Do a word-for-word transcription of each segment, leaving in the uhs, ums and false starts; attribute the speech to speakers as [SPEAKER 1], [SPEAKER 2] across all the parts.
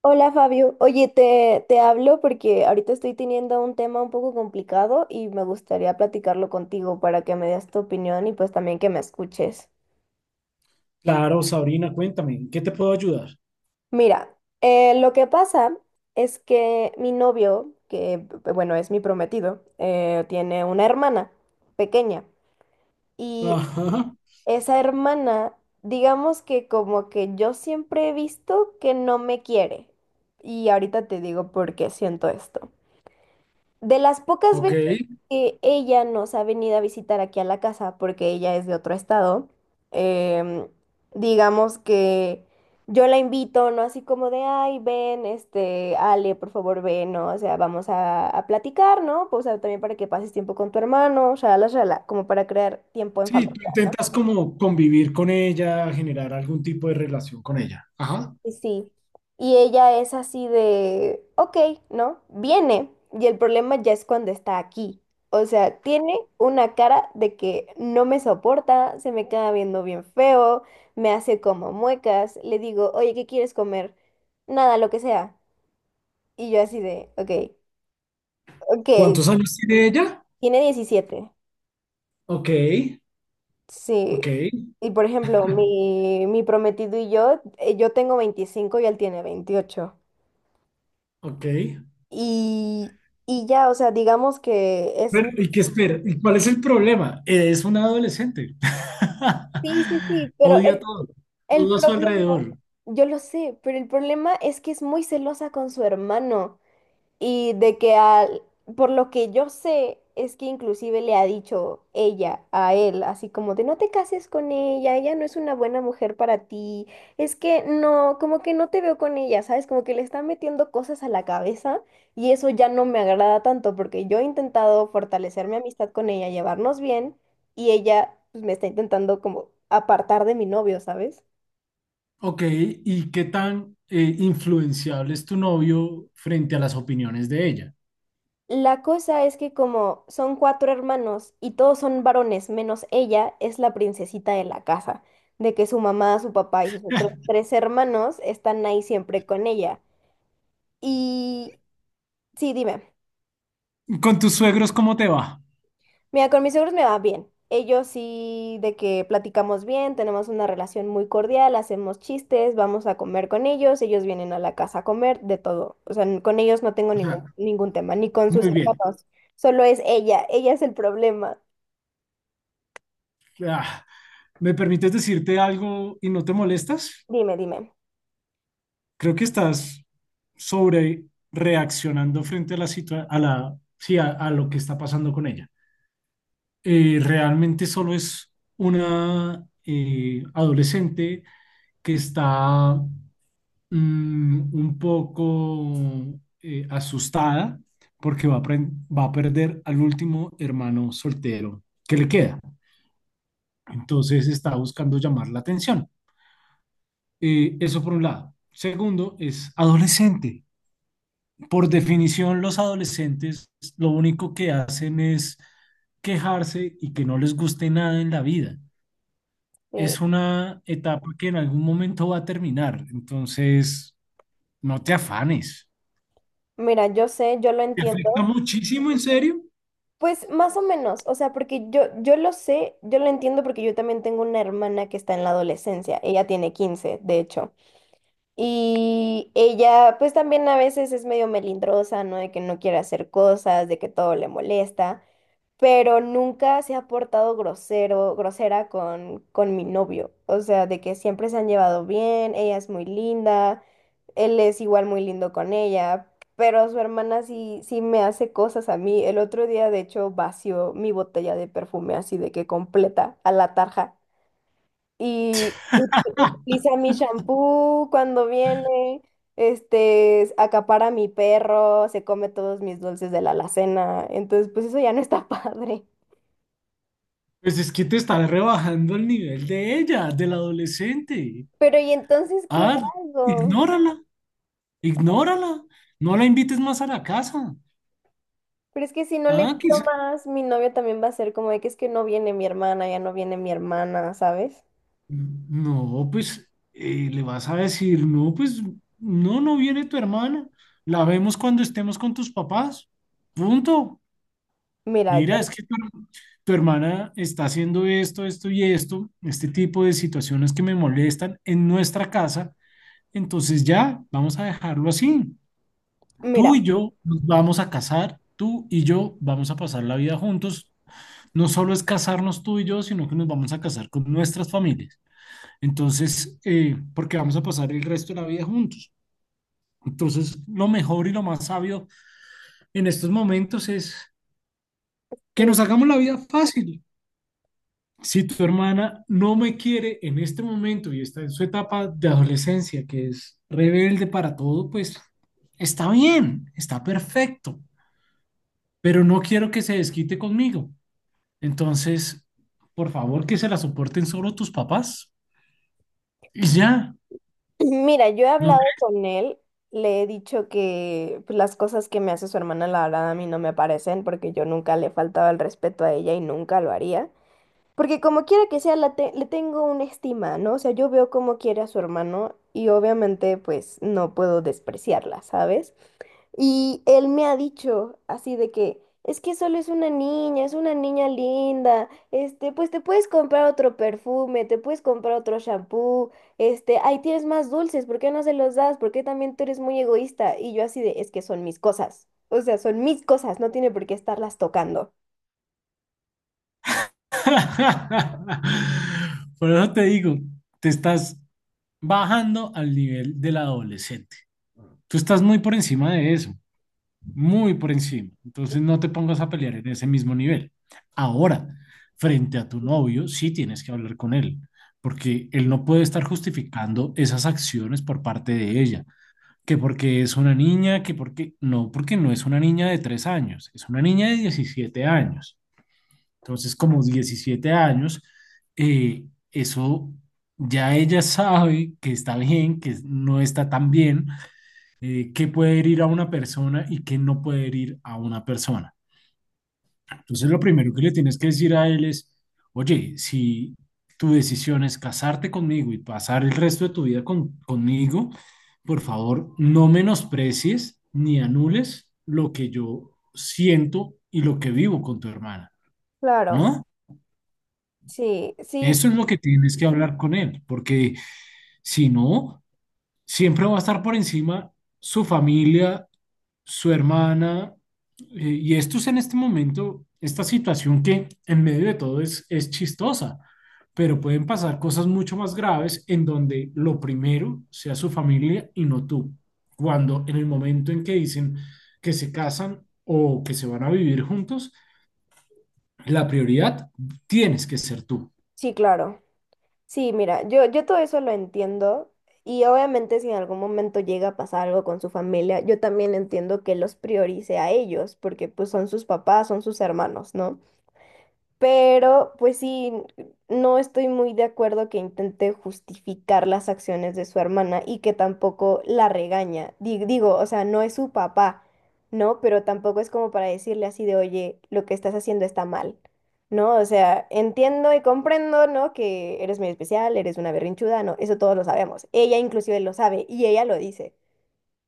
[SPEAKER 1] Hola, Fabio, oye, te, te hablo porque ahorita estoy teniendo un tema un poco complicado y me gustaría platicarlo contigo para que me des tu opinión y pues también que me escuches.
[SPEAKER 2] Claro, Sabrina, cuéntame, ¿en ¿qué te puedo ayudar?
[SPEAKER 1] Mira, eh, lo que pasa es que mi novio, que b- bueno, es mi prometido, eh, tiene una hermana pequeña. Y
[SPEAKER 2] Ajá,
[SPEAKER 1] esa hermana, digamos que como que yo siempre he visto que no me quiere, y ahorita te digo por qué siento esto. De las pocas
[SPEAKER 2] ok.
[SPEAKER 1] veces que ella nos ha venido a visitar aquí a la casa, porque ella es de otro estado, em, digamos que yo la invito, ¿no? Así como de, ay, ven, este, Ale, por favor, ven, ¿no? O sea, vamos a, a platicar, ¿no? Pues o sea, también para que pases tiempo con tu hermano, shala, shala, como para crear tiempo en
[SPEAKER 2] Sí,
[SPEAKER 1] familia.
[SPEAKER 2] tú
[SPEAKER 1] ¿No?
[SPEAKER 2] intentas como convivir con ella, generar algún tipo de relación con ella. Ajá.
[SPEAKER 1] Y sí, y ella es así de, ok, ¿no? Viene, y el problema ya es cuando está aquí. O sea, tiene una cara de que no me soporta, se me queda viendo bien feo, me hace como muecas, le digo, oye, ¿qué quieres comer? Nada, lo que sea. Y yo así de, ok, ok,
[SPEAKER 2] ¿Cuántos años tiene ella?
[SPEAKER 1] tiene diecisiete,
[SPEAKER 2] Ok,
[SPEAKER 1] sí.
[SPEAKER 2] ok,
[SPEAKER 1] Y por ejemplo, mi, mi prometido y yo, eh, yo tengo veinticinco y él tiene veintiocho.
[SPEAKER 2] ok.
[SPEAKER 1] y, y ya, o sea, digamos que es...
[SPEAKER 2] Pero,
[SPEAKER 1] mi-
[SPEAKER 2] ¿y qué espera? ¿Y cuál es el problema? Es una adolescente.
[SPEAKER 1] Sí, sí, sí, pero
[SPEAKER 2] Odia
[SPEAKER 1] el,
[SPEAKER 2] todo,
[SPEAKER 1] el
[SPEAKER 2] todo a su
[SPEAKER 1] problema,
[SPEAKER 2] alrededor.
[SPEAKER 1] yo lo sé, pero el problema es que es muy celosa con su hermano. Y de que al, por lo que yo sé, es que inclusive le ha dicho ella a él, así como de no te cases con ella, ella no es una buena mujer para ti, es que no, como que no te veo con ella, ¿sabes? Como que le está metiendo cosas a la cabeza y eso ya no me agrada tanto porque yo he intentado fortalecer mi amistad con ella, llevarnos bien, y ella pues me está intentando como apartar de mi novio, ¿sabes?
[SPEAKER 2] Ok, ¿y qué tan eh, influenciable es tu novio frente a las opiniones de ella?
[SPEAKER 1] La cosa es que como son cuatro hermanos y todos son varones, menos ella, es la princesita de la casa, de que su mamá, su papá y sus otros tres hermanos están ahí siempre con ella. Y sí, dime.
[SPEAKER 2] ¿Con tus suegros cómo te va?
[SPEAKER 1] Mira, con mis suegros me va bien. Ellos sí, de que platicamos bien, tenemos una relación muy cordial, hacemos chistes, vamos a comer con ellos, ellos vienen a la casa a comer, de todo. O sea, n- con ellos no tengo ningún, ningún tema, ni con sus
[SPEAKER 2] Muy bien.
[SPEAKER 1] hermanos, solo es ella, ella es el problema.
[SPEAKER 2] Ah, ¿me permites decirte algo y no te molestas?
[SPEAKER 1] Dime, dime.
[SPEAKER 2] Creo que estás sobre reaccionando frente a la situa- a la, sí, a, a lo que está pasando con ella. Eh, realmente solo es una eh, adolescente que está mm, un poco eh, asustada porque va a, pren- va a perder al último hermano soltero que le queda. Entonces está buscando llamar la atención. Eh, eso por un lado. Segundo, es adolescente. Por definición, los adolescentes lo único que hacen es quejarse y que no les guste nada en la vida.
[SPEAKER 1] Sí,
[SPEAKER 2] Es una etapa que en algún momento va a terminar, entonces no te afanes.
[SPEAKER 1] mira, yo sé, yo lo
[SPEAKER 2] ¿Te afecta
[SPEAKER 1] entiendo.
[SPEAKER 2] muchísimo, en serio?
[SPEAKER 1] Pues más o menos, o sea, porque yo, yo lo sé, yo lo entiendo porque yo también tengo una hermana que está en la adolescencia, ella tiene quince, de hecho, y ella pues también a veces es medio melindrosa, ¿no? De que no quiere hacer cosas, de que todo le molesta. Pero nunca se ha portado grosero, grosera con, con mi novio. O sea, de que siempre se han llevado bien, ella es muy linda, él es igual muy lindo con ella, pero su hermana sí, sí me hace cosas a mí. El otro día, de hecho, vació mi botella de perfume así de que completa a la tarja, y ut- utiliza mi shampoo cuando viene. Este, acapara a mi perro, se come todos mis dulces de la alacena, entonces pues eso ya no está padre.
[SPEAKER 2] Pues es que te estás rebajando el nivel de ella, del adolescente.
[SPEAKER 1] Pero ¿y entonces qué
[SPEAKER 2] Ah,
[SPEAKER 1] hago?
[SPEAKER 2] ignórala, ignórala. No la invites más a la casa.
[SPEAKER 1] Pero es que si no le
[SPEAKER 2] Ah, que
[SPEAKER 1] invito
[SPEAKER 2] se
[SPEAKER 1] más, mi novio también va a ser como de que es que no viene mi hermana, ya no viene mi hermana, ¿sabes?
[SPEAKER 2] No, pues eh, le vas a decir, no, pues no, no viene tu hermana, la vemos cuando estemos con tus papás, punto.
[SPEAKER 1] Mira, yo,
[SPEAKER 2] Mira, es que tu, her- tu hermana está haciendo esto, esto y esto, este tipo de situaciones que me molestan en nuestra casa, entonces ya, vamos a dejarlo así.
[SPEAKER 1] mira,
[SPEAKER 2] Tú y yo nos vamos a casar, tú y yo vamos a pasar la vida juntos. No solo es casarnos tú y yo, sino que nos vamos a casar con nuestras familias. Entonces, eh, porque vamos a pasar el resto de la vida juntos. Entonces, lo mejor y lo más sabio en estos momentos es que
[SPEAKER 1] sí,
[SPEAKER 2] nos hagamos la vida fácil. Si tu hermana no me quiere en este momento y está en su etapa de adolescencia, que es rebelde para todo, pues está bien, está perfecto, pero no quiero que se desquite conmigo. Entonces, por favor, que se la soporten solo tus papás y ya.
[SPEAKER 1] mira, yo he
[SPEAKER 2] No.
[SPEAKER 1] hablado con él, le he dicho que pues las cosas que me hace su hermana, la verdad, a mí no me parecen, porque yo nunca le faltaba el respeto a ella y nunca lo haría. Porque como quiera que sea, la te- le tengo una estima, ¿no? O sea, yo veo cómo quiere a su hermano y obviamente pues no puedo despreciarla, ¿sabes? Y él me ha dicho así de que es que solo es una niña, es una niña linda, este, pues te puedes comprar otro perfume, te puedes comprar otro shampoo, este, ahí tienes más dulces, ¿por qué no se los das? ¿Por qué también tú eres muy egoísta? Y yo así de, es que son mis cosas, o sea, son mis cosas, no tiene por qué estarlas tocando.
[SPEAKER 2] Por eso te digo, te estás bajando al nivel del adolescente. Tú estás muy por encima de eso, muy por encima. Entonces no te pongas a pelear en ese mismo nivel. Ahora, frente a tu novio, sí tienes que hablar con él, porque él no puede estar justificando esas acciones por parte de ella. Que porque es una niña, que porque no, porque no es una niña de tres años, es una niña de diecisiete años. Entonces, como diecisiete años, eh, eso ya ella sabe que está bien, que no está tan bien, eh, que puede herir a una persona y que no puede herir a una persona. Entonces, lo primero que le tienes que decir a él es, oye, si tu decisión es casarte conmigo y pasar el resto de tu vida con- conmigo, por favor, no menosprecies ni anules lo que yo siento y lo que vivo con tu hermana,
[SPEAKER 1] Claro,
[SPEAKER 2] ¿no?
[SPEAKER 1] sí, sí,
[SPEAKER 2] Eso es lo que tienes que hablar con él, porque si no, siempre va a estar por encima su familia, su hermana, eh, y esto es en este momento, esta situación que en medio de todo es, es chistosa, pero pueden pasar cosas mucho más graves en donde lo primero sea su familia y no tú. Cuando en el momento en que dicen que se casan o que se van a vivir juntos, la prioridad tienes que ser tú.
[SPEAKER 1] sí, claro. Sí, mira, yo, yo todo eso lo entiendo y obviamente si en algún momento llega a pasar algo con su familia, yo también entiendo que los priorice a ellos porque pues son sus papás, son sus hermanos, ¿no? Pero pues sí, no estoy muy de acuerdo que intente justificar las acciones de su hermana y que tampoco la regaña. Di- Digo, o sea, no es su papá, ¿no? Pero tampoco es como para decirle así de, oye, lo que estás haciendo está mal, ¿no? O sea, entiendo y comprendo, ¿no? Que eres muy especial, eres una berrinchuda, ¿no? Eso todos lo sabemos. Ella inclusive lo sabe y ella lo dice,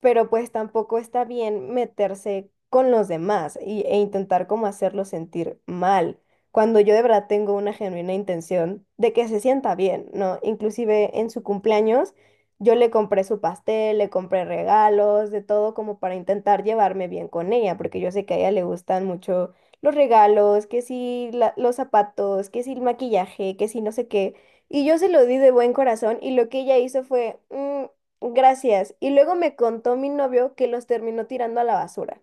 [SPEAKER 1] pero pues tampoco está bien meterse con los demás y- e intentar como hacerlo sentir mal, cuando yo de verdad tengo una genuina intención de que se sienta bien, ¿no? Inclusive en su cumpleaños yo le compré su pastel, le compré regalos, de todo como para intentar llevarme bien con ella, porque yo sé que a ella le gustan mucho los regalos, que sí la- los zapatos, que sí el maquillaje, que sí no sé qué. Y yo se lo di de buen corazón y lo que ella hizo fue... "Mm, gracias." Y luego me contó mi novio que los terminó tirando a la basura.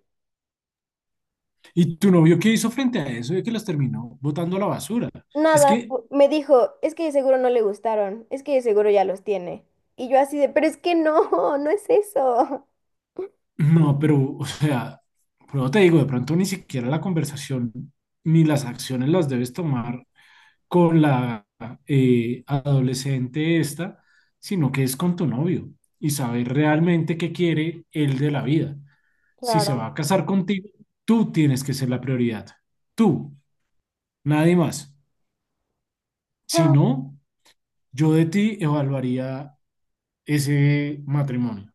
[SPEAKER 2] ¿Y tu novio qué hizo frente a eso? De que las terminó botando a la basura. Es
[SPEAKER 1] Nada,
[SPEAKER 2] que,
[SPEAKER 1] pu- me dijo, es que de seguro no le gustaron, es que de seguro ya los tiene. Y yo así de, pero es que no, no es eso.
[SPEAKER 2] no, pero, o sea, pero te digo, de pronto ni siquiera la conversación ni las acciones las debes tomar con la eh, adolescente esta, sino que es con tu novio y saber realmente qué quiere él de la vida. Si se
[SPEAKER 1] Claro.
[SPEAKER 2] va a casar contigo, tú tienes que ser la prioridad. Tú, nadie más. Si
[SPEAKER 1] Ah,
[SPEAKER 2] no, yo de ti evaluaría ese matrimonio.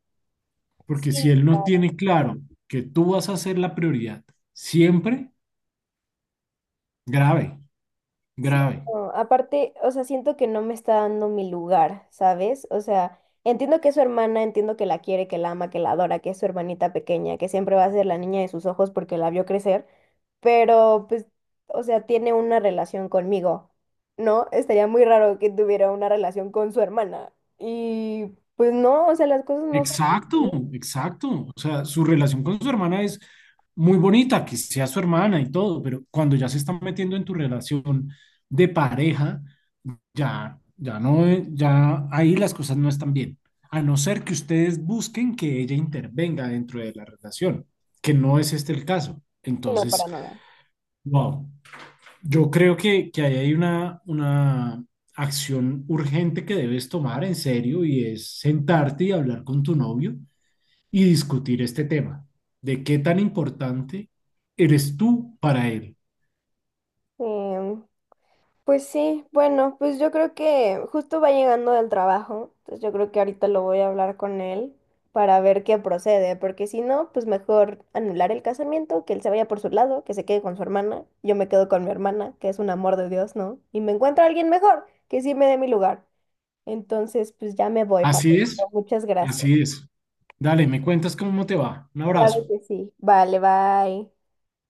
[SPEAKER 2] Porque si
[SPEAKER 1] sí.
[SPEAKER 2] él no tiene claro que tú vas a ser la prioridad siempre, grave,
[SPEAKER 1] Sí,
[SPEAKER 2] grave.
[SPEAKER 1] no, aparte, o sea, siento que no me está dando mi lugar, ¿sabes? O sea, entiendo que es su hermana, entiendo que la quiere, que la ama, que la adora, que es su hermanita pequeña, que siempre va a ser la niña de sus ojos porque la vio crecer, pero pues, o sea, tiene una relación conmigo, ¿no? Estaría muy raro que tuviera una relación con su hermana. Y pues no, o sea, las cosas no son
[SPEAKER 2] Exacto,
[SPEAKER 1] así,
[SPEAKER 2] exacto. O sea, su relación con su hermana es muy bonita, que sea su hermana y todo, pero cuando ya se está metiendo en tu relación de pareja, ya, ya no, ya ahí las cosas no están bien. A no ser que ustedes busquen que ella intervenga dentro de la relación, que no es este el caso.
[SPEAKER 1] sino
[SPEAKER 2] Entonces,
[SPEAKER 1] para nada.
[SPEAKER 2] wow. Yo creo que, que, ahí hay una, una acción urgente que debes tomar en serio y es sentarte y hablar con tu novio y discutir este tema de qué tan importante eres tú para él.
[SPEAKER 1] Sí, pues sí, bueno, pues yo creo que justo va llegando del trabajo, entonces yo creo que ahorita lo voy a hablar con él para ver qué procede, porque si no, pues mejor anular el casamiento, que él se vaya por su lado, que se quede con su hermana, yo me quedo con mi hermana, que es un amor de Dios, ¿no? Y me encuentro a alguien mejor, que sí me dé mi lugar. Entonces pues ya me voy, Fabio.
[SPEAKER 2] Así es,
[SPEAKER 1] Muchas gracias.
[SPEAKER 2] así es. Dale, me cuentas cómo te va. Un
[SPEAKER 1] Claro
[SPEAKER 2] abrazo.
[SPEAKER 1] que sí. Vale, bye.